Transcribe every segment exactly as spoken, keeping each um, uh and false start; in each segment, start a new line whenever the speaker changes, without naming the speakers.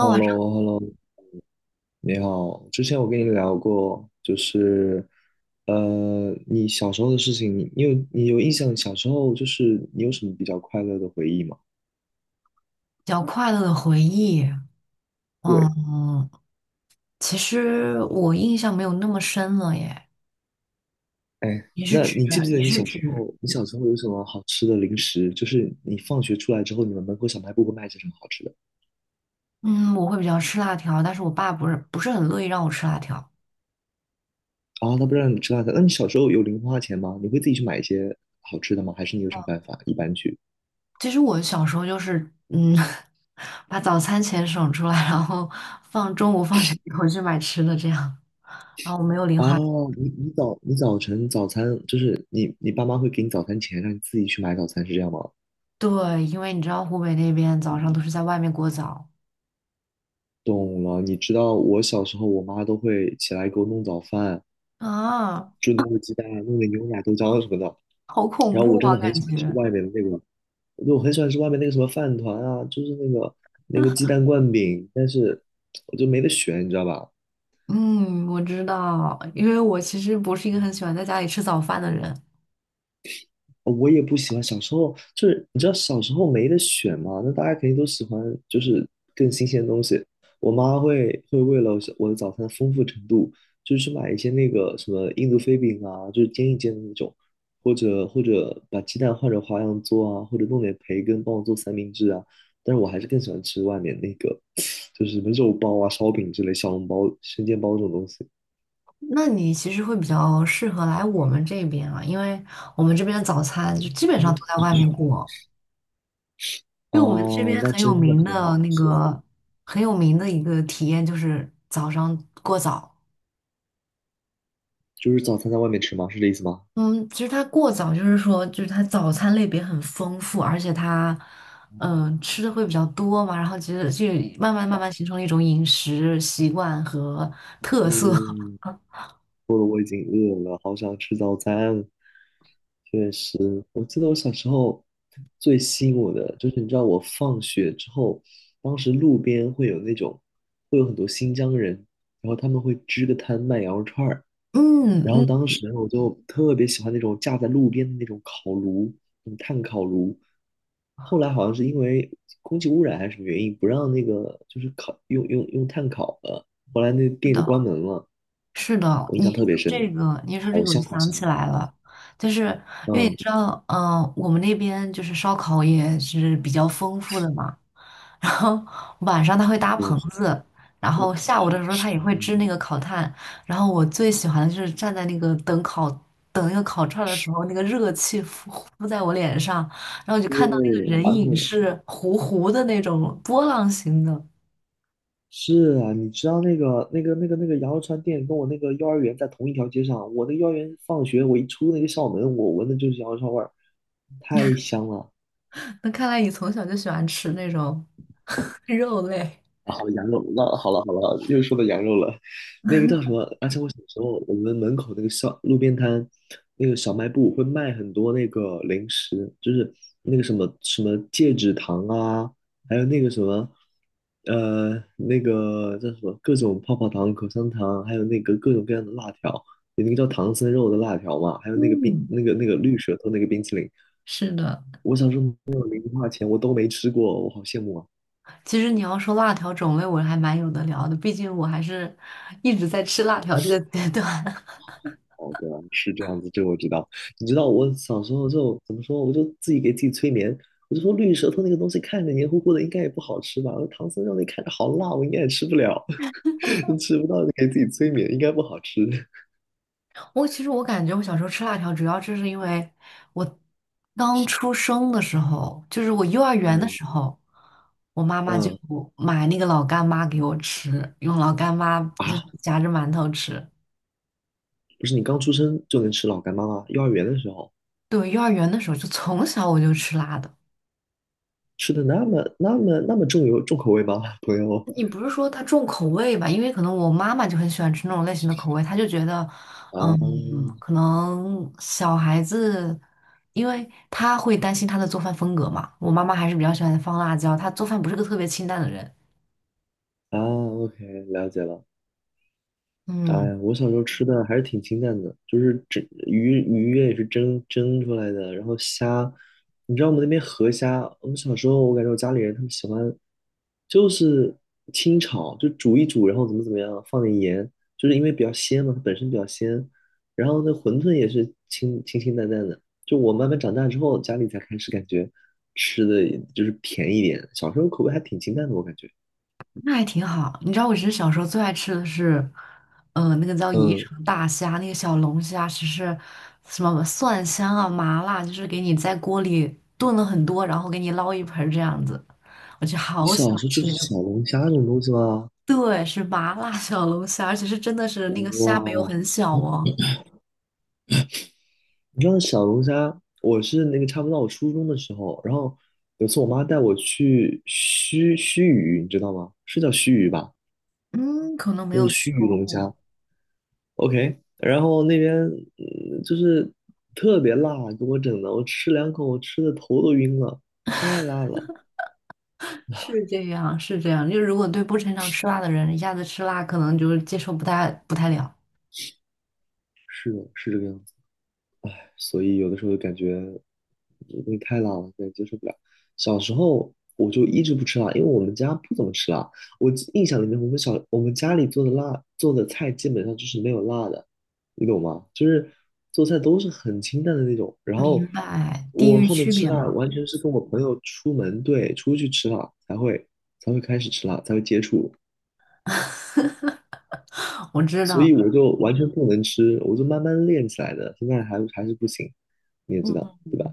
h e l l
晚
o
上
h e l l o 你好。之前我跟你聊过，就是，呃，你小时候的事情，你你有你有印象？小时候就是你有什么比较快乐的回忆吗？
比较快乐的回忆，
对。
嗯，其实我印象没有那么深了耶。
哎，
你是
那
指
你记不记得
你
你
是
小时
指，
候，你小时候有什么好吃的零食？就是你放学出来之后，你们门口小卖部会卖些什么好吃的？
嗯，我会比较吃辣条，但是我爸不是不是很乐意让我吃辣条。
啊，他不让你吃辣的。那你小时候有零花钱吗？你会自己去买一些好吃的吗？还是你有什么办法一般去？
其实我小时候就是，嗯，把早餐钱省出来，然后放中午放学以后去买吃的这样，然后我没有零
啊，
花钱。
你你早你早晨早餐就是你你爸妈会给你早餐钱，让你自己去买早餐，是这样吗？
对，因为你知道湖北那边早上都是在外面过早
懂了，你知道我小时候我妈都会起来给我弄早饭，
啊，
就弄个鸡蛋啊，弄点牛奶、豆浆啊什么的。
好恐
然后我
怖
真
啊，
的很
感
喜欢吃
觉。
外面的那个，我就很喜欢吃外面那个什么饭团啊，就是那个那个鸡蛋灌饼，但是我就没得选，你知道吧？
嗯，我知道，因为我其实不是一个很喜欢在家里吃早饭的人。
我也不喜欢。小时候就是你知道小时候没得选嘛，那大家肯定都喜欢就是更新鲜的东西。我妈会会为了我的早餐的丰富程度，就是去买一些那个什么印度飞饼啊，就是煎一煎的那种，或者或者把鸡蛋换成花样做啊，或者弄点培根帮我做三明治啊。但是我还是更喜欢吃外面那个，就是什么肉包啊、烧饼之类、小笼包、生煎包这种东西。
那你其实会比较适合来我们这边啊，因为我们这边的早餐就基本上都在外面过。因为我们这
哦，
边
那
很有
真的
名
很
的
好，
那
是，
个很有名的一个体验就是早上过早。
就是早餐在外面吃吗？是这意思吗？
嗯，其实它过早就是说，就是它早餐类别很丰富，而且它嗯、呃吃的会比较多嘛，然后其实就慢慢慢慢形成了一种饮食习惯和特色。
嗯，我好想吃早餐。对，我记得我小时候最吸引我的就是，你知道我放学之后，当时路边会有那种，会有很多新疆人，然后他们会支个摊卖羊肉串儿，
嗯
然后
嗯，
当时我就特别喜欢那种架在路边的那种烤炉，那种炭烤炉。后来好像是因为空气污染还是什么原因，不让那个就是烤用用用炭烤了，后来那
是
店就
的，
关门了。
是的，
我印
你
象
一
特别
说这
深，
个，你一说这
好
个，我就
香好
想
香。
起来了，就是因为你
嗯，
知道，嗯、我们那边就是烧烤也是比较丰富的嘛，然后晚上他会搭
嗯
棚
是
子，然
的
后下午的时候他也会支
嗯，
那个烤炭，然后我最喜欢的就是站在那个等烤等那个烤串儿的时候，那个热气呼呼在我脸上，然后我就看到那
对，
个人
而
影
且
是糊糊的那种波浪形的，
是啊，你知道那个那个那个那个羊肉串店跟我那个幼儿园在同一条街上，我那幼儿园放学我一出那个校门，我闻的就是羊肉串味儿，太香了。
那看来你从小就喜欢吃那种。肉类。
啊，好羊肉，那好了好了，又说到羊肉了。那个叫什么？而且我小时候，我们门口那个小路边摊，那个小卖部会卖很多那个零食，就是那个什么什么戒指糖啊，还有那个什么，呃，那个叫什么各种泡泡糖、口香糖，还有那个各种各样的辣条，有那个叫唐僧肉的辣条嘛，还有那个冰
嗯，
那个那个绿舌头那个冰淇淋。
是的，
我小时候没有零花钱，我都没吃过，我好羡慕啊。
其实你要说辣条种类，我还蛮有的聊的，毕竟我还是一直在吃辣条这个阶段。
哦，对啊，是这样子，这个我知道。你知道我小时候就怎么说，我就自己给自己催眠，我就说绿舌头那个东西看着黏糊糊的，应该也不好吃吧？我说唐僧肉那看着好辣，我应该也吃不了，吃不到就给自己催眠，应该不好吃。
我其实我感觉我小时候吃辣条，主要就是因为我刚出生的时候，就是我幼儿园的
嗯
时候，我妈妈就
嗯。
买那个老干妈给我吃，用老干妈就是
啊，
夹着馒头吃。
不是你刚出生就能吃老干妈吗？幼儿园的时候
对，幼儿园的时候就从小我就吃辣的。
吃的那么那么那么重油重口味吗，朋友？
你不是说他重口味吧？因为可能我妈妈就很喜欢吃那种类型的口味，她就觉得，
啊，
嗯，可能小孩子，因为她会担心她的做饭风格嘛。我妈妈还是比较喜欢放辣椒，她做饭不是个特别清淡的人。
啊，OK，了解了。哎
嗯，
呀，我小时候吃的还是挺清淡的，就是蒸鱼鱼也是蒸蒸出来的，然后虾，你知道我们那边河虾，我们小时候我感觉我家里人他们喜欢，就是清炒，就煮一煮，然后怎么怎么样，放点盐，就是因为比较鲜嘛，它本身比较鲜，然后那馄饨也是清清清淡淡的，就我慢慢长大之后，家里才开始感觉吃的就是甜一点，小时候口味还挺清淡的，我感觉。
那还挺好。你知道我其实小时候最爱吃的是，呃，那个叫宜
嗯，
城大虾，那个小龙虾，其实什么蒜香啊、麻辣，就是给你在锅里炖了很多，然后给你捞一盆儿这样子。我就
你
好喜
小
欢
时候就
吃
是
那
小
个。
龙虾这种东西吗？
对，是麻辣小龙虾，而且是真的是那个虾没有
哇，
很小哦。
你知道小龙虾，我是那个差不多到我初中的时候，然后有次我妈带我去须须臾，你知道吗？是叫须臾吧？
嗯，可能没
那
有
个
听
须
说
臾龙虾
过。
，OK。然后那边嗯就是特别辣，给我整的，我吃两口，我吃的头都晕了，太辣了。
是这样，是这样。就如果对不擅长吃辣的人，一下子吃辣，可能就是接受不太不太了。
是的，是这个样子。所以有的时候就感觉这东西太辣了，感觉接受不了。小时候我就一直不吃辣，因为我们家不怎么吃辣。我记印象里面，我们小我们家里做的辣做的菜基本上就是没有辣的，你懂吗？就是做菜都是很清淡的那种。然
明
后
白，地
我
域
后面
区
吃
别
辣，
嘛。
完全是跟我朋友出门，对，出去吃辣才会才会开始吃辣，才会接触。
我知
所
道。
以我就完全不能吃，我就慢慢练起来的，现在还还是不行，你也知道，对吧？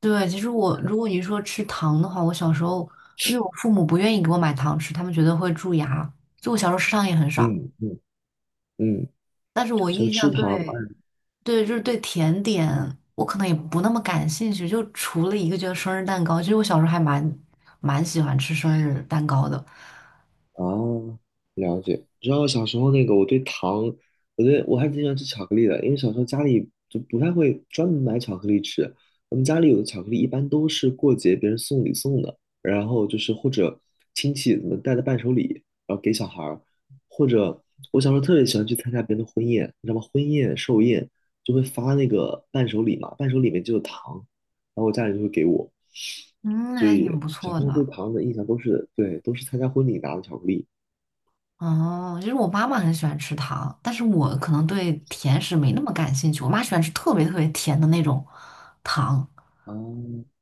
对，其实我如果你说吃糖的话，我小时候因为我父母不愿意给我买糖吃，他们觉得会蛀牙，就我小时候吃糖也很少。
嗯嗯嗯，
但是我
小
印
吃
象
糖，
对，
哎，
对，就是对甜点，我可能也不那么感兴趣。就除了一个，就是生日蛋糕，其实我小时候还蛮蛮喜欢吃生日蛋糕的，
啊，了解。你知道小时候那个，我对糖，我对我还挺喜欢吃巧克力的，因为小时候家里就不太会专门买巧克力吃。我们家里有的巧克力一般都是过节别人送礼送的，然后就是或者亲戚什么带的伴手礼，然后给小孩儿，或者我小时候特别喜欢去参加别人的婚宴，你知道吗？婚宴寿宴就会发那个伴手礼嘛，伴手礼里面就有糖，然后我家里就会给我，
嗯，
所
还挺
以
不
小
错
时候对
的。
糖的印象都是对，都是参加婚礼拿的巧克力。
哦，就是我妈妈很喜欢吃糖，但是我可能对甜食没
嗯，
那么感兴趣。我妈喜欢吃特别特别甜的那种糖，
啊，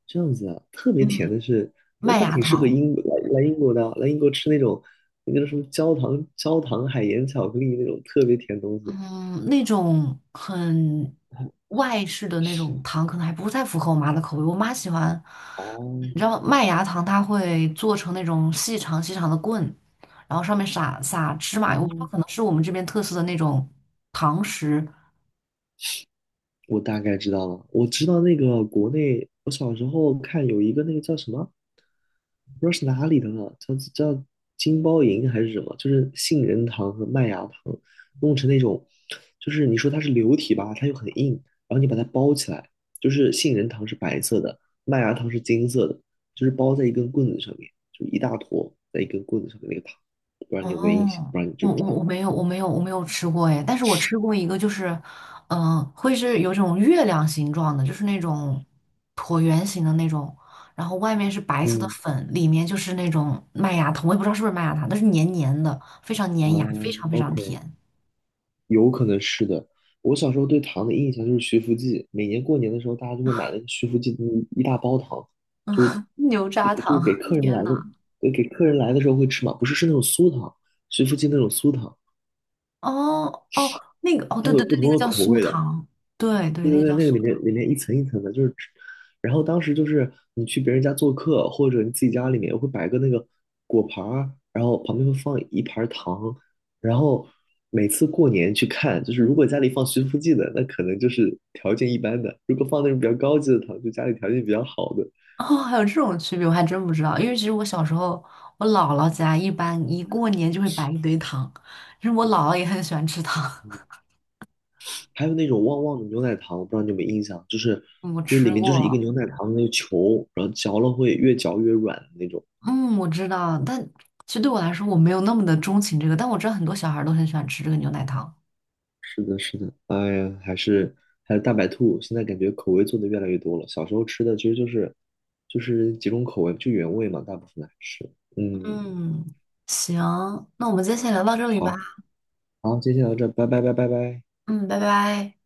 这样子啊，特别甜
嗯，
的是，那
麦
它
芽
挺适合
糖。
英国来来英国的啊，来英国吃那种那个叫什么焦糖焦糖海盐巧克力那种特别甜的东西。
嗯，那种很外式的那种糖，可能还不太符合我妈的口味。我妈喜欢，你
哦
知道麦芽糖，它会做成那种细长细长的棍，然后上面撒撒芝麻油。我不知道，
哦，
可能是我们这边特色的那种糖食，
我大概知道了，我知道那个国内，我小时候看有一个那个叫什么，不知道是哪里的了，叫叫金包银还是什么，就是杏仁糖和麦芽糖弄成那种，就是你说它是流体吧，它又很硬，然后你把它包起来，就是杏仁糖是白色的，麦芽糖是金色的，就是包在一根棍子上面，就一大坨在一根棍子上面那个糖，不然你有没有印象，
哦，
不然你知
我
不知
我
道？
我没有我没有我没有吃过哎，但是我吃过一个，就是，嗯、会是有种月亮形状的，就是那种椭圆形的那种，然后外面是白色的
嗯，
粉，里面就是那种麦芽糖，我也不知道是不是麦芽糖，但是黏黏的，非常
啊
粘牙，非常非常
，OK。
甜。
有可能是的。我小时候对糖的印象就是徐福记，每年过年的时候，大家就会买那个徐福记的一大包糖，就是
嗯，牛轧
就是
糖，
给客人
天
来的，
呐！
对给客人来的时候会吃嘛，不是是那种酥糖，徐福记那种酥糖，
哦哦，那个哦，
它
对
会
对
有不
对，那
同
个
的
叫
口
酥
味的。
糖，对对，
对
那
对
个
对，
叫
那
酥。
个里面
糖。
里面一层一层的，就是，然后当时就是你去别人家做客，或者你自己家里面会摆个那个果盘儿，然后旁边会放一盘儿糖，然后每次过年去看，就是如果家里放徐福记的，那可能就是条件一般的；如果放那种比较高级的糖，就家里条件比较好的。
哦，还有这种区别，我还真不知道。因为其实我小时候，我姥姥家一般一过年就会摆一堆糖，其实我姥姥也很喜欢吃糖，
嗯， 还有那种旺旺的牛奶糖，我不知道你有没有印象，就是
我
就是
吃
里面就是一个
过，
牛奶糖的那个球，然后嚼了会越嚼越软的那种。
嗯，我知道，但其实对我来说，我没有那么的钟情这个，但我知道很多小孩儿都很喜欢吃这个牛奶糖。
是的，是的，哎呀，还是还有大白兔，现在感觉口味做的越来越多了。小时候吃的其实就是就是几种口味，就原味嘛，大部分还是。嗯，
嗯，行，那我们今天先聊到这里吧。
好，好，今天先到这儿，拜拜，拜拜，拜。
嗯，拜拜。